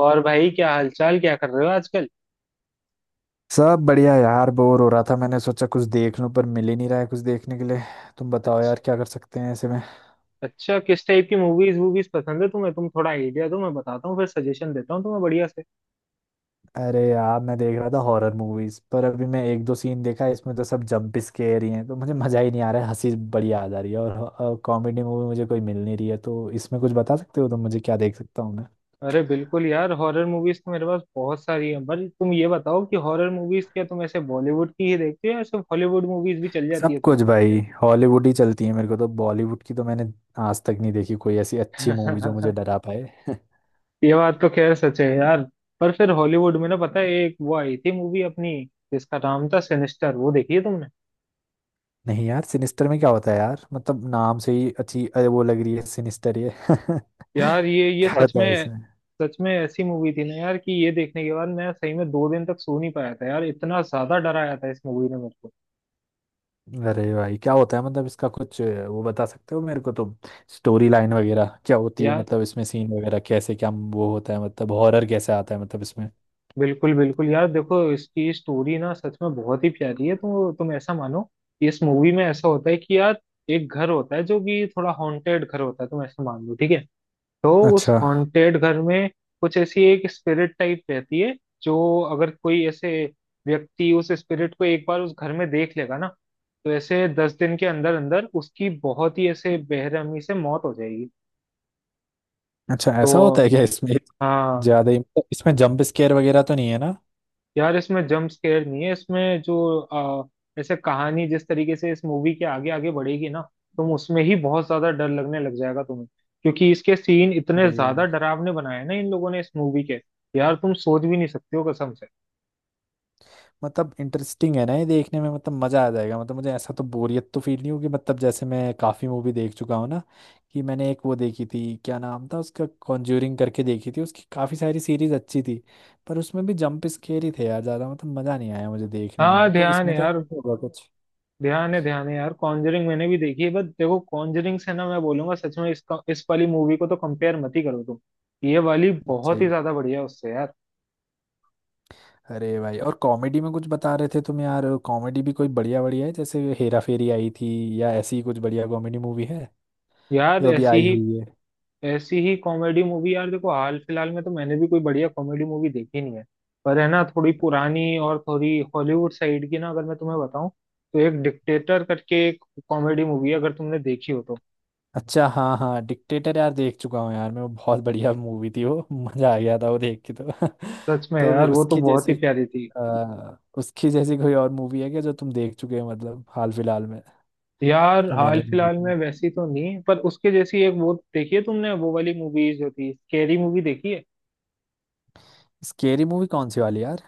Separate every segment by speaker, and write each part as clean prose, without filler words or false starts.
Speaker 1: और भाई, क्या हालचाल, क्या कर रहे हो आजकल?
Speaker 2: सब बढ़िया यार, बोर हो रहा था। मैंने सोचा कुछ देख लूं पर मिल ही नहीं रहा है कुछ देखने के लिए। तुम बताओ
Speaker 1: अच्छा।
Speaker 2: यार, क्या कर सकते हैं ऐसे में।
Speaker 1: अच्छा, किस टाइप की मूवीज वूवीज पसंद है तुम्हें? तुम थोड़ा आइडिया दो, मैं बताता हूँ, फिर सजेशन देता हूँ तुम्हें बढ़िया से।
Speaker 2: अरे यार, मैं देख रहा था हॉरर मूवीज, पर अभी मैं एक दो सीन देखा, इसमें तो सब जंप स्केयर ही हैं तो मुझे मजा ही नहीं आ रहा है, हंसी बड़ी आ जा रही है। और कॉमेडी मूवी मुझे कोई मिल नहीं रही है, तो इसमें कुछ बता सकते हो तुम मुझे, क्या देख सकता हूँ मैं।
Speaker 1: अरे बिल्कुल यार, हॉरर मूवीज तो मेरे पास बहुत सारी हैं, पर तुम ये बताओ कि हॉरर मूवीज क्या तुम ऐसे बॉलीवुड की ही देखते हो या सिर्फ हॉलीवुड मूवीज भी चल जाती
Speaker 2: सब
Speaker 1: है तुम।
Speaker 2: कुछ भाई, हॉलीवुड ही चलती है मेरे को तो, बॉलीवुड की तो मैंने आज तक नहीं देखी कोई ऐसी अच्छी मूवी जो मुझे डरा पाए।
Speaker 1: ये बात तो खैर सच है यार। पर फिर हॉलीवुड में ना, पता है एक वो आई थी मूवी अपनी जिसका नाम था सिनिस्टर, वो देखी है तुमने?
Speaker 2: नहीं यार, सिनिस्टर में क्या होता है यार, मतलब नाम से ही अच्छी अरे वो लग रही है सिनिस्टर ये
Speaker 1: यार ये
Speaker 2: क्या
Speaker 1: सच
Speaker 2: होता है
Speaker 1: में,
Speaker 2: इसमें।
Speaker 1: सच में ऐसी मूवी थी ना यार कि ये देखने के बाद मैं सही में 2 दिन तक सो नहीं पाया था यार, इतना ज्यादा डराया था इस मूवी ने मेरे को।
Speaker 2: अरे भाई, क्या होता है, मतलब इसका कुछ वो बता सकते हो मेरे को तुम। स्टोरी लाइन वगैरह क्या होती है,
Speaker 1: यार
Speaker 2: मतलब इसमें सीन वगैरह कैसे क्या वो होता है, मतलब हॉरर कैसे आता है मतलब इसमें।
Speaker 1: बिल्कुल बिल्कुल यार, देखो इसकी स्टोरी ना सच में बहुत ही प्यारी है। तो तुम ऐसा मानो कि इस मूवी में ऐसा होता है कि यार एक घर होता है जो कि थोड़ा हॉन्टेड घर होता है, तुम ऐसा मान लो ठीक है। तो
Speaker 2: अच्छा।
Speaker 1: उस हॉन्टेड घर में कुछ ऐसी एक स्पिरिट टाइप रहती है, जो अगर कोई ऐसे व्यक्ति उस स्पिरिट को एक बार उस घर में देख लेगा ना तो ऐसे 10 दिन के अंदर अंदर उसकी बहुत ही ऐसे बेरहमी से मौत हो जाएगी।
Speaker 2: अच्छा, ऐसा होता
Speaker 1: तो
Speaker 2: है क्या इसमें।
Speaker 1: हाँ।
Speaker 2: ज्यादा ही, मतलब इसमें जंप स्केयर वगैरह तो नहीं है ना।
Speaker 1: यार इसमें जंप स्केयर नहीं है, इसमें जो ऐसे कहानी जिस तरीके से इस मूवी के आगे आगे बढ़ेगी ना तुम उसमें ही बहुत ज्यादा डर लगने लग जाएगा तुम्हें, क्योंकि इसके सीन इतने
Speaker 2: अरे,
Speaker 1: ज्यादा डरावने बनाए हैं ना इन लोगों ने इस मूवी के, यार तुम सोच भी नहीं सकते हो कसम से।
Speaker 2: मतलब इंटरेस्टिंग है ना ये देखने में, मतलब मज़ा आ जाएगा, मतलब मुझे ऐसा तो बोरियत तो फील नहीं होगी। मतलब जैसे मैं काफ़ी मूवी देख चुका हूँ ना, कि मैंने एक वो देखी थी, क्या नाम था उसका, कॉन्ज्यूरिंग करके देखी थी, उसकी काफ़ी सारी सीरीज अच्छी थी, पर उसमें भी जंप स्केयर ही थे यार ज़्यादा, मतलब मज़ा नहीं आया मुझे देखने में
Speaker 1: हाँ
Speaker 2: वो, तो
Speaker 1: ध्यान है
Speaker 2: इसमें तो ऐसा
Speaker 1: यार,
Speaker 2: नहीं होगा कुछ।
Speaker 1: ध्यान है यार। कॉन्जरिंग मैंने भी देखी है बट देखो कॉन्जरिंग से ना मैं बोलूंगा सच में, इसका इस वाली मूवी को तो कंपेयर मत ही करो तुम। ये वाली
Speaker 2: अच्छा
Speaker 1: बहुत
Speaker 2: ही
Speaker 1: ही
Speaker 2: है।
Speaker 1: ज्यादा बढ़िया है उससे यार।
Speaker 2: अरे भाई, और कॉमेडी में कुछ बता रहे थे तुम यार, कॉमेडी भी कोई बढ़िया बढ़िया है, जैसे हेरा फेरी आई थी या ऐसी ही कुछ बढ़िया कॉमेडी मूवी है
Speaker 1: यार
Speaker 2: जो अभी
Speaker 1: ऐसी
Speaker 2: आई
Speaker 1: ही
Speaker 2: हुई है।
Speaker 1: ऐसी ही कॉमेडी मूवी यार देखो, हाल फिलहाल में तो मैंने भी कोई बढ़िया कॉमेडी मूवी देखी नहीं है। पर है ना, थोड़ी पुरानी और थोड़ी हॉलीवुड साइड की ना, अगर मैं तुम्हें बताऊं तो एक डिक्टेटर करके एक कॉमेडी मूवी है, अगर तुमने देखी हो तो।
Speaker 2: अच्छा, हाँ हाँ, डिक्टेटर यार देख चुका हूँ यार मैं, वो बहुत बढ़िया मूवी थी, वो मजा आ गया था वो देख के तो
Speaker 1: सच में
Speaker 2: तो
Speaker 1: यार
Speaker 2: फिर
Speaker 1: वो तो
Speaker 2: उसकी
Speaker 1: बहुत ही
Speaker 2: जैसी
Speaker 1: प्यारी थी।
Speaker 2: उसकी जैसी कोई और मूवी है क्या जो तुम देख चुके हो, मतलब हाल फिलहाल में,
Speaker 1: यार
Speaker 2: जो
Speaker 1: हाल
Speaker 2: मैंने नहीं
Speaker 1: फिलहाल
Speaker 2: देखी
Speaker 1: में
Speaker 2: हो?
Speaker 1: वैसी तो नहीं, पर उसके जैसी एक, वो देखी है तुमने वो वाली मूवीज जो थी, स्कैरी मूवी देखी है?
Speaker 2: स्केरी मूवी कौन सी वाली यार।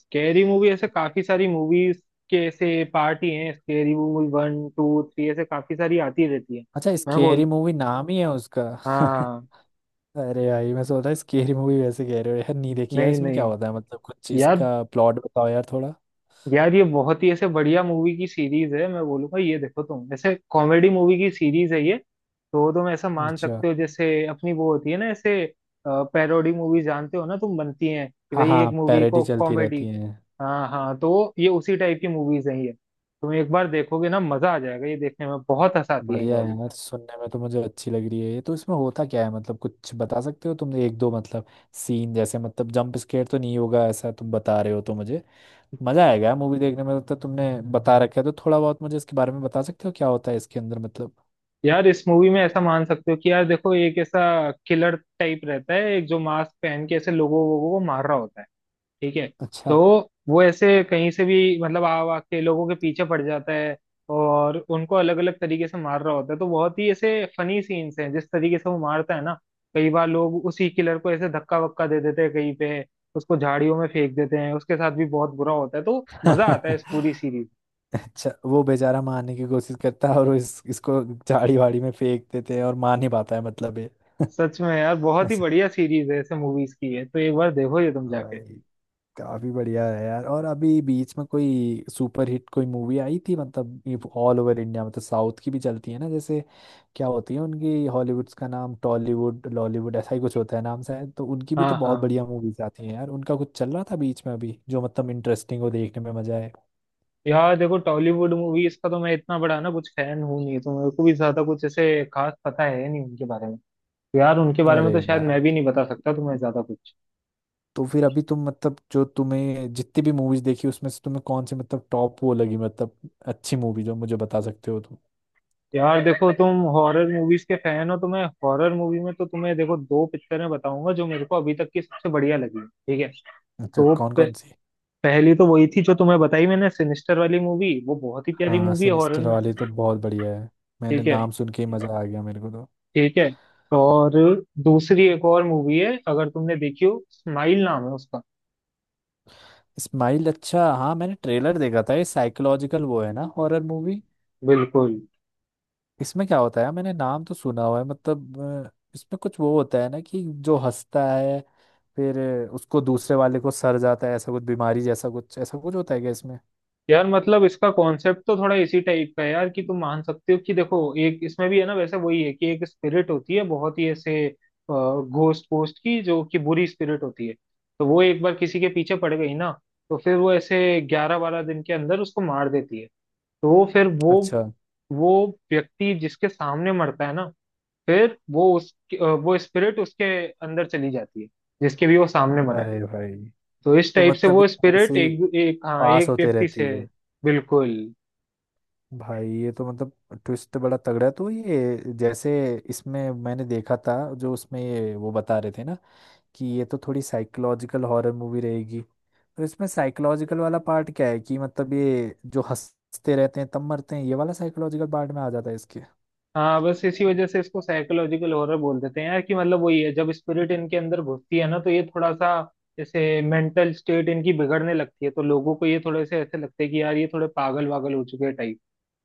Speaker 1: स्कैरी मूवी ऐसे काफी सारी मूवीज के ऐसे पार्ट ही हैं, स्कैरी मूवी 1 2 3, ऐसे काफी सारी आती रहती है।
Speaker 2: अच्छा,
Speaker 1: मैं
Speaker 2: स्केरी
Speaker 1: बोल
Speaker 2: मूवी नाम ही है उसका।
Speaker 1: हाँ।
Speaker 2: अरे भाई, मैं सोच रहा स्केरी मूवी वैसे कह रहे हो यार। नहीं देखी यार,
Speaker 1: नहीं
Speaker 2: इसमें क्या
Speaker 1: नहीं
Speaker 2: होता है, मतलब कुछ चीज
Speaker 1: यार,
Speaker 2: का प्लॉट बताओ यार थोड़ा।
Speaker 1: यार ये बहुत ही ऐसे बढ़िया मूवी की सीरीज है, मैं बोलूंगा। ये देखो तुम, ऐसे कॉमेडी मूवी की सीरीज है ये। तो तुम ऐसा मान
Speaker 2: अच्छा,
Speaker 1: सकते हो जैसे अपनी वो होती है ना ऐसे पैरोडी मूवी, जानते हो ना तुम, बनती हैं कि
Speaker 2: हाँ
Speaker 1: भाई
Speaker 2: हाँ,
Speaker 1: एक मूवी
Speaker 2: पैरेडी
Speaker 1: को
Speaker 2: चलती
Speaker 1: कॉमेडी।
Speaker 2: रहती है।
Speaker 1: हाँ हाँ, तो ये उसी टाइप की मूवीज हैं ये। तुम एक बार देखोगे ना मजा आ जाएगा, ये देखने में बहुत हंसाती है ये
Speaker 2: बढ़िया
Speaker 1: वाली।
Speaker 2: है यार, सुनने में तो मुझे अच्छी लग रही है ये तो। इसमें होता क्या है, मतलब कुछ बता सकते हो, तुमने एक दो, मतलब सीन जैसे, मतलब जंप स्केयर तो नहीं होगा ऐसा तुम बता रहे हो तो मुझे मजा आएगा मूवी देखने में, मतलब तो तुमने बता रखा है तो थोड़ा बहुत मुझे इसके बारे में बता सकते हो, क्या होता है इसके अंदर मतलब।
Speaker 1: यार इस मूवी में ऐसा मान सकते हो कि यार देखो, एक ऐसा किलर टाइप रहता है एक, जो मास्क पहन के ऐसे लोगों वोगों को मार रहा होता है, ठीक है।
Speaker 2: अच्छा।
Speaker 1: तो वो ऐसे कहीं से भी मतलब आ आ के लोगों के पीछे पड़ जाता है और उनको अलग अलग तरीके से मार रहा होता है, तो बहुत ही ऐसे फनी सीन्स हैं जिस तरीके से वो मारता है ना। कई बार लोग उसी किलर को ऐसे धक्का वक्का दे देते हैं कहीं पे, उसको झाड़ियों में फेंक देते हैं, उसके साथ भी बहुत बुरा होता है, तो मजा आता है इस पूरी सीरीज।
Speaker 2: अच्छा, वो बेचारा मारने की कोशिश करता है और वो इसको झाड़ी वाड़ी में फेंक देते हैं और मार नहीं पाता है मतलब ये।
Speaker 1: सच में यार बहुत ही बढ़िया सीरीज है, ऐसे मूवीज की है, तो एक बार देखो ये तुम जाके।
Speaker 2: ऐसा। काफी बढ़िया है यार। और अभी बीच में कोई सुपर हिट कोई मूवी आई थी, मतलब ये ऑल ओवर इंडिया, मतलब साउथ की भी चलती है ना जैसे, क्या होती है उनकी हॉलीवुड्स का नाम, टॉलीवुड लॉलीवुड ऐसा ही कुछ होता है नाम शायद, तो उनकी भी तो
Speaker 1: हाँ
Speaker 2: बहुत
Speaker 1: हाँ।
Speaker 2: बढ़िया मूवीज आती हैं यार, उनका कुछ चल रहा था बीच में अभी, जो मतलब इंटरेस्टिंग हो देखने में मजा आए।
Speaker 1: यार देखो टॉलीवुड मूवीज का तो मैं इतना बड़ा ना कुछ फैन हूँ नहीं, तो मेरे को भी ज्यादा कुछ ऐसे खास पता है नहीं उनके बारे में। यार उनके बारे में
Speaker 2: अरे
Speaker 1: तो शायद मैं भी
Speaker 2: यार,
Speaker 1: नहीं बता सकता तुम्हें ज्यादा कुछ।
Speaker 2: तो फिर अभी तुम, मतलब जो तुम्हें जितनी भी मूवीज देखी उसमें से, तुम्हें कौन सी मतलब टॉप वो लगी, मतलब अच्छी मूवी जो मुझे बता सकते हो तुम।
Speaker 1: यार देखो, तुम हॉरर मूवीज के फैन हो तो मैं हॉरर मूवी में तो तुम्हें देखो दो पिक्चरें बताऊंगा जो मेरे को अभी तक की सबसे बढ़िया लगी, ठीक है।
Speaker 2: अच्छा,
Speaker 1: तो
Speaker 2: कौन
Speaker 1: प-
Speaker 2: कौन सी।
Speaker 1: पहली तो वही थी जो तुम्हें बताई मैंने, सिनिस्टर वाली मूवी, वो बहुत ही प्यारी
Speaker 2: हाँ
Speaker 1: मूवी है हॉरर
Speaker 2: सिनिस्टर
Speaker 1: में।
Speaker 2: वाली तो बहुत बढ़िया है। मैंने
Speaker 1: ठीक है।
Speaker 2: नाम सुन के ही मजा आ गया मेरे को तो।
Speaker 1: ठीक है। और दूसरी एक और मूवी है, अगर तुमने देखी हो, स्माइल नाम है उसका।
Speaker 2: स्माइल, अच्छा हाँ, मैंने ट्रेलर देखा था, ये साइकोलॉजिकल वो है ना, हॉरर मूवी।
Speaker 1: बिल्कुल।
Speaker 2: इसमें क्या होता है, मैंने नाम तो सुना हुआ है मतलब, अ, इसमें कुछ वो होता है ना कि जो हंसता है फिर उसको दूसरे वाले को सर जाता है ऐसा कुछ, बीमारी जैसा कुछ ऐसा कुछ होता है क्या इसमें।
Speaker 1: यार मतलब इसका कॉन्सेप्ट तो थोड़ा इसी टाइप का है यार, कि तुम मान सकते हो कि देखो, एक इसमें भी है ना, वैसे वही है कि एक स्पिरिट होती है बहुत ही ऐसे घोस्ट पोस्ट की, जो कि बुरी स्पिरिट होती है। तो वो एक बार किसी के पीछे पड़ गई ना तो फिर वो ऐसे 11-12 दिन के अंदर उसको मार देती है। तो वो, फिर वो
Speaker 2: अच्छा।
Speaker 1: वो व्यक्ति जिसके सामने मरता है ना, फिर वो उस वो स्पिरिट उसके अंदर चली जाती है, जिसके भी वो सामने मरा है।
Speaker 2: अरे भाई,
Speaker 1: तो इस
Speaker 2: तो
Speaker 1: टाइप से
Speaker 2: मतलब
Speaker 1: वो
Speaker 2: ये ऐसे
Speaker 1: स्पिरिट
Speaker 2: ही
Speaker 1: एक एक, हाँ,
Speaker 2: पास
Speaker 1: एक
Speaker 2: होते
Speaker 1: व्यक्ति
Speaker 2: रहती
Speaker 1: से।
Speaker 2: है।
Speaker 1: बिल्कुल।
Speaker 2: भाई ये तो मतलब ट्विस्ट बड़ा तगड़ा है। तो ये जैसे इसमें मैंने देखा था, जो उसमें ये वो बता रहे थे ना कि ये तो थोड़ी साइकोलॉजिकल हॉरर मूवी रहेगी, तो इसमें साइकोलॉजिकल वाला पार्ट क्या है, कि मतलब ये जो हंसते रहते हैं तब मरते हैं, ये वाला साइकोलॉजिकल पार्ट में आ जाता है इसके।
Speaker 1: हाँ, बस इसी वजह से इसको साइकोलॉजिकल हॉरर बोल देते हैं यार, कि मतलब वही है, जब स्पिरिट इनके अंदर घुसती है ना तो ये थोड़ा सा जैसे मेंटल स्टेट इनकी बिगड़ने लगती है, तो लोगों को ये थोड़े से ऐसे लगते हैं कि यार ये थोड़े पागल वागल हो चुके हैं टाइप।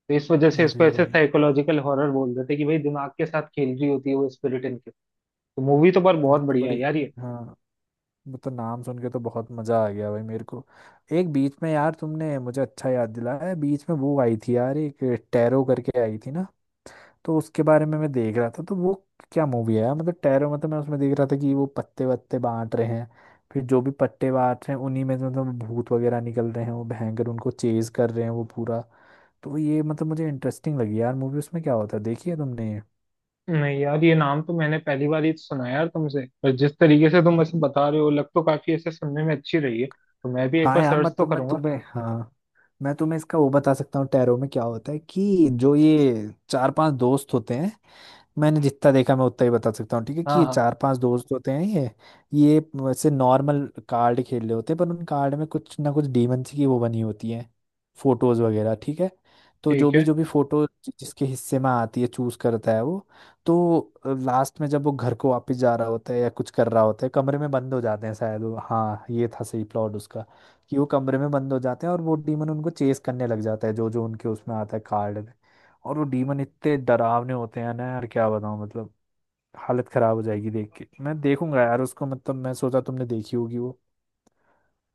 Speaker 1: तो इस वजह से इसको
Speaker 2: अरे
Speaker 1: ऐसे
Speaker 2: भाई।
Speaker 1: साइकोलॉजिकल हॉरर बोल देते हैं कि भाई दिमाग के साथ खेल रही होती है वो स्पिरिट इनके। तो मूवी तो पर
Speaker 2: ये
Speaker 1: बहुत
Speaker 2: तो
Speaker 1: बढ़िया है
Speaker 2: बड़ी,
Speaker 1: यार ये।
Speaker 2: हाँ वो तो नाम सुन के तो बहुत मजा आ गया भाई मेरे को। एक बीच में यार तुमने मुझे अच्छा याद दिलाया, बीच में वो आई थी यार एक, टेरो करके आई थी ना, तो उसके बारे में मैं देख रहा था तो वो क्या मूवी है यार, मतलब टैरो, मतलब मैं उसमें देख रहा था कि वो पत्ते वत्ते बांट रहे हैं, फिर जो भी पत्ते बांट रहे हैं उन्हीं में से मतलब भूत वगैरह निकल रहे हैं, वो भयंकर उनको चेज कर रहे हैं वो पूरा। तो ये मतलब मुझे इंटरेस्टिंग लगी यार मूवी, उसमें क्या होता है, देखी है तुमने ये?
Speaker 1: नहीं यार, ये नाम तो मैंने पहली बार ही सुना है यार तुमसे, पर जिस तरीके से तुम ऐसे बता रहे हो, लग तो काफी ऐसे सुनने में अच्छी रही है, तो मैं भी एक
Speaker 2: हाँ
Speaker 1: बार
Speaker 2: यार,
Speaker 1: सर्च तो
Speaker 2: मतलब मैं
Speaker 1: करूंगा।
Speaker 2: तुम्हें, हाँ मैं तुम्हें इसका वो बता सकता हूँ, टैरो में क्या होता है कि जो ये चार पांच दोस्त होते हैं, मैंने जितना देखा मैं उतना ही बता सकता हूँ, ठीक है, कि
Speaker 1: हाँ
Speaker 2: ये
Speaker 1: हाँ।
Speaker 2: चार पांच दोस्त होते हैं, ये वैसे नॉर्मल कार्ड खेल रहे होते हैं, पर उन कार्ड में कुछ ना कुछ डीमंस की वो बनी होती है, फोटोज वगैरह, ठीक है। तो
Speaker 1: ठीक है।
Speaker 2: जो भी फोटो जिसके हिस्से में आती है, चूज करता है वो। तो लास्ट में जब वो घर को वापस जा रहा होता है या कुछ कर रहा होता है, कमरे में बंद हो जाते हैं शायद वो, हाँ ये था सही प्लॉट उसका, कि वो कमरे में बंद हो जाते हैं और वो डीमन उनको चेस करने लग जाता है, जो जो उनके उसमें आता है कार्ड, और वो डीमन इतने डरावने होते हैं ना यार, क्या बताऊँ मतलब, हालत खराब हो जाएगी देख के। मैं देखूंगा यार उसको, मतलब मैं सोचा तुमने देखी होगी वो।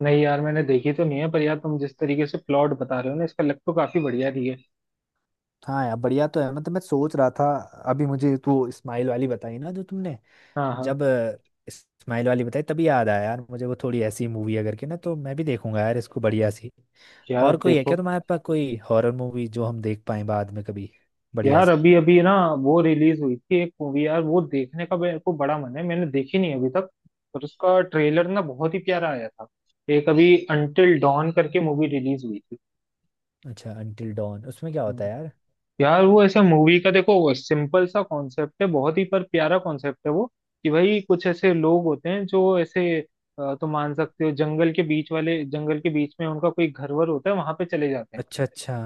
Speaker 1: नहीं यार, मैंने देखी तो नहीं है पर यार तुम जिस तरीके से प्लॉट बता रहे हो ना इसका, लग तो काफी बढ़िया रही है।
Speaker 2: हाँ यार बढ़िया तो है, मतलब मैं सोच रहा था अभी मुझे तो स्माइल वाली बताई ना जो तुमने,
Speaker 1: हाँ हाँ।
Speaker 2: जब स्माइल वाली बताई तभी याद आया यार मुझे वो, थोड़ी ऐसी मूवी है करके ना, तो मैं भी देखूंगा यार इसको बढ़िया सी।
Speaker 1: यार
Speaker 2: और कोई है
Speaker 1: देखो,
Speaker 2: क्या तुम्हारे पास कोई हॉरर मूवी जो हम देख पाए बाद में कभी, बढ़िया
Speaker 1: यार
Speaker 2: सी।
Speaker 1: अभी अभी ना वो रिलीज हुई थी एक मूवी यार, वो देखने का मेरे को बड़ा मन है, मैंने देखी नहीं अभी तक। पर उसका ट्रेलर ना बहुत ही प्यारा आया था। एक अभी अंटिल डॉन करके मूवी रिलीज हुई थी।
Speaker 2: अच्छा, अंटिल डॉन, उसमें क्या होता है यार।
Speaker 1: यार वो ऐसे मूवी का देखो सिंपल सा कॉन्सेप्ट है, बहुत ही पर प्यारा कॉन्सेप्ट है वो, कि भाई कुछ ऐसे लोग होते हैं जो ऐसे तुम मान सकते हो जंगल के बीच वाले, जंगल के बीच में उनका कोई घर वर होता है, वहां पे चले जाते हैं।
Speaker 2: अच्छा अच्छा।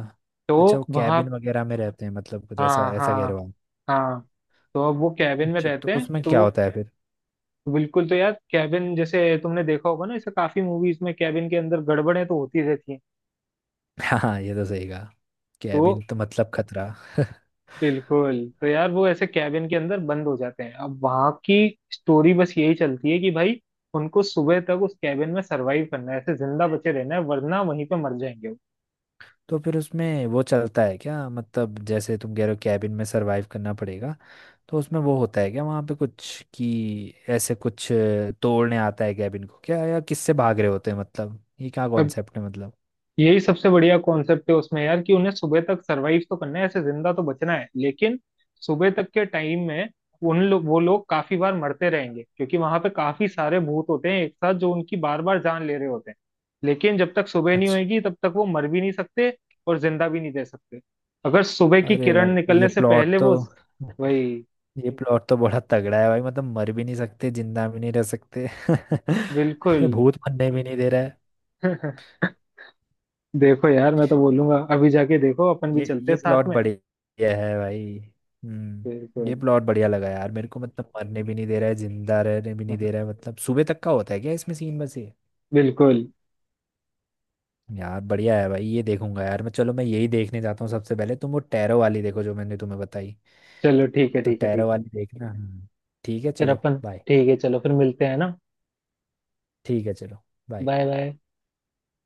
Speaker 1: तो
Speaker 2: अच्छा, वो
Speaker 1: वहां।
Speaker 2: कैबिन वगैरह में रहते हैं, मतलब कुछ ऐसा
Speaker 1: हाँ
Speaker 2: ऐसा कह रहे
Speaker 1: हाँ।
Speaker 2: हो आप।
Speaker 1: हाँ, तो अब वो कैबिन में
Speaker 2: अच्छा, तो
Speaker 1: रहते हैं,
Speaker 2: उसमें
Speaker 1: तो
Speaker 2: क्या
Speaker 1: वो,
Speaker 2: होता है फिर।
Speaker 1: बिल्कुल। तो यार कैबिन, जैसे तुमने देखा होगा ना ऐसे काफी मूवीज में कैबिन के अंदर गड़बड़ें तो होती रहती हैं।
Speaker 2: हाँ हाँ, ये तो सही कहा,
Speaker 1: तो
Speaker 2: कैबिन तो मतलब खतरा।
Speaker 1: बिल्कुल। तो यार वो ऐसे कैबिन के अंदर बंद हो जाते हैं, अब वहां की स्टोरी बस यही चलती है कि भाई उनको सुबह तक उस कैबिन में सरवाइव करना है, ऐसे जिंदा बचे रहना है, वरना वहीं पे मर जाएंगे।
Speaker 2: तो फिर उसमें वो चलता है क्या, मतलब जैसे तुम कह रहे हो कैबिन में सरवाइव करना पड़ेगा, तो उसमें वो होता है क्या वहाँ पे कुछ, कि ऐसे कुछ तोड़ने आता है कैबिन को क्या, या किससे भाग रहे होते हैं, मतलब ये क्या
Speaker 1: वो,
Speaker 2: कॉन्सेप्ट है मतलब।
Speaker 1: यही सबसे बढ़िया कॉन्सेप्ट है उसमें यार, कि उन्हें सुबह तक सरवाइव तो करना है, ऐसे जिंदा तो बचना है, लेकिन सुबह तक के टाइम में उन लोग वो लोग काफी बार मरते रहेंगे, क्योंकि वहां पे काफी सारे भूत होते हैं एक साथ जो उनकी बार बार जान ले रहे होते हैं। लेकिन जब तक सुबह नहीं
Speaker 2: अच्छा।
Speaker 1: होगी तब तक वो मर भी नहीं सकते, और जिंदा भी नहीं रह सकते, अगर सुबह की
Speaker 2: अरे
Speaker 1: किरण
Speaker 2: भाई, ये
Speaker 1: निकलने से
Speaker 2: प्लॉट
Speaker 1: पहले
Speaker 2: तो
Speaker 1: वो, वही।
Speaker 2: ये प्लॉट तो बड़ा तगड़ा है भाई, मतलब मर भी नहीं सकते जिंदा भी नहीं रह सकते।
Speaker 1: बिल्कुल।
Speaker 2: भूत बनने भी नहीं दे रहा है।
Speaker 1: देखो यार मैं तो बोलूंगा अभी जाके देखो, अपन भी चलते हैं
Speaker 2: ये
Speaker 1: साथ
Speaker 2: प्लॉट
Speaker 1: में।
Speaker 2: बढ़िया है भाई। हम्म, ये
Speaker 1: बिल्कुल।
Speaker 2: प्लॉट बढ़िया लगा यार मेरे को, मतलब मरने भी नहीं दे रहा है जिंदा रहने भी नहीं दे रहा है, मतलब सुबह तक का होता है क्या इसमें सीन बस ये।
Speaker 1: बिल्कुल।
Speaker 2: यार बढ़िया है भाई, ये देखूंगा यार मैं, चलो मैं यही देखने जाता हूँ सबसे पहले, तुम वो टैरो वाली देखो जो मैंने तुम्हें बताई,
Speaker 1: चलो ठीक है,
Speaker 2: तो
Speaker 1: ठीक है,
Speaker 2: टैरो
Speaker 1: ठीक है।
Speaker 2: वाली देखना। हम्म। ठीक है
Speaker 1: फिर
Speaker 2: चलो।
Speaker 1: अपन।
Speaker 2: बाय।
Speaker 1: ठीक है चलो, फिर मिलते हैं ना।
Speaker 2: ठीक है चलो। बाय।
Speaker 1: Bye bye.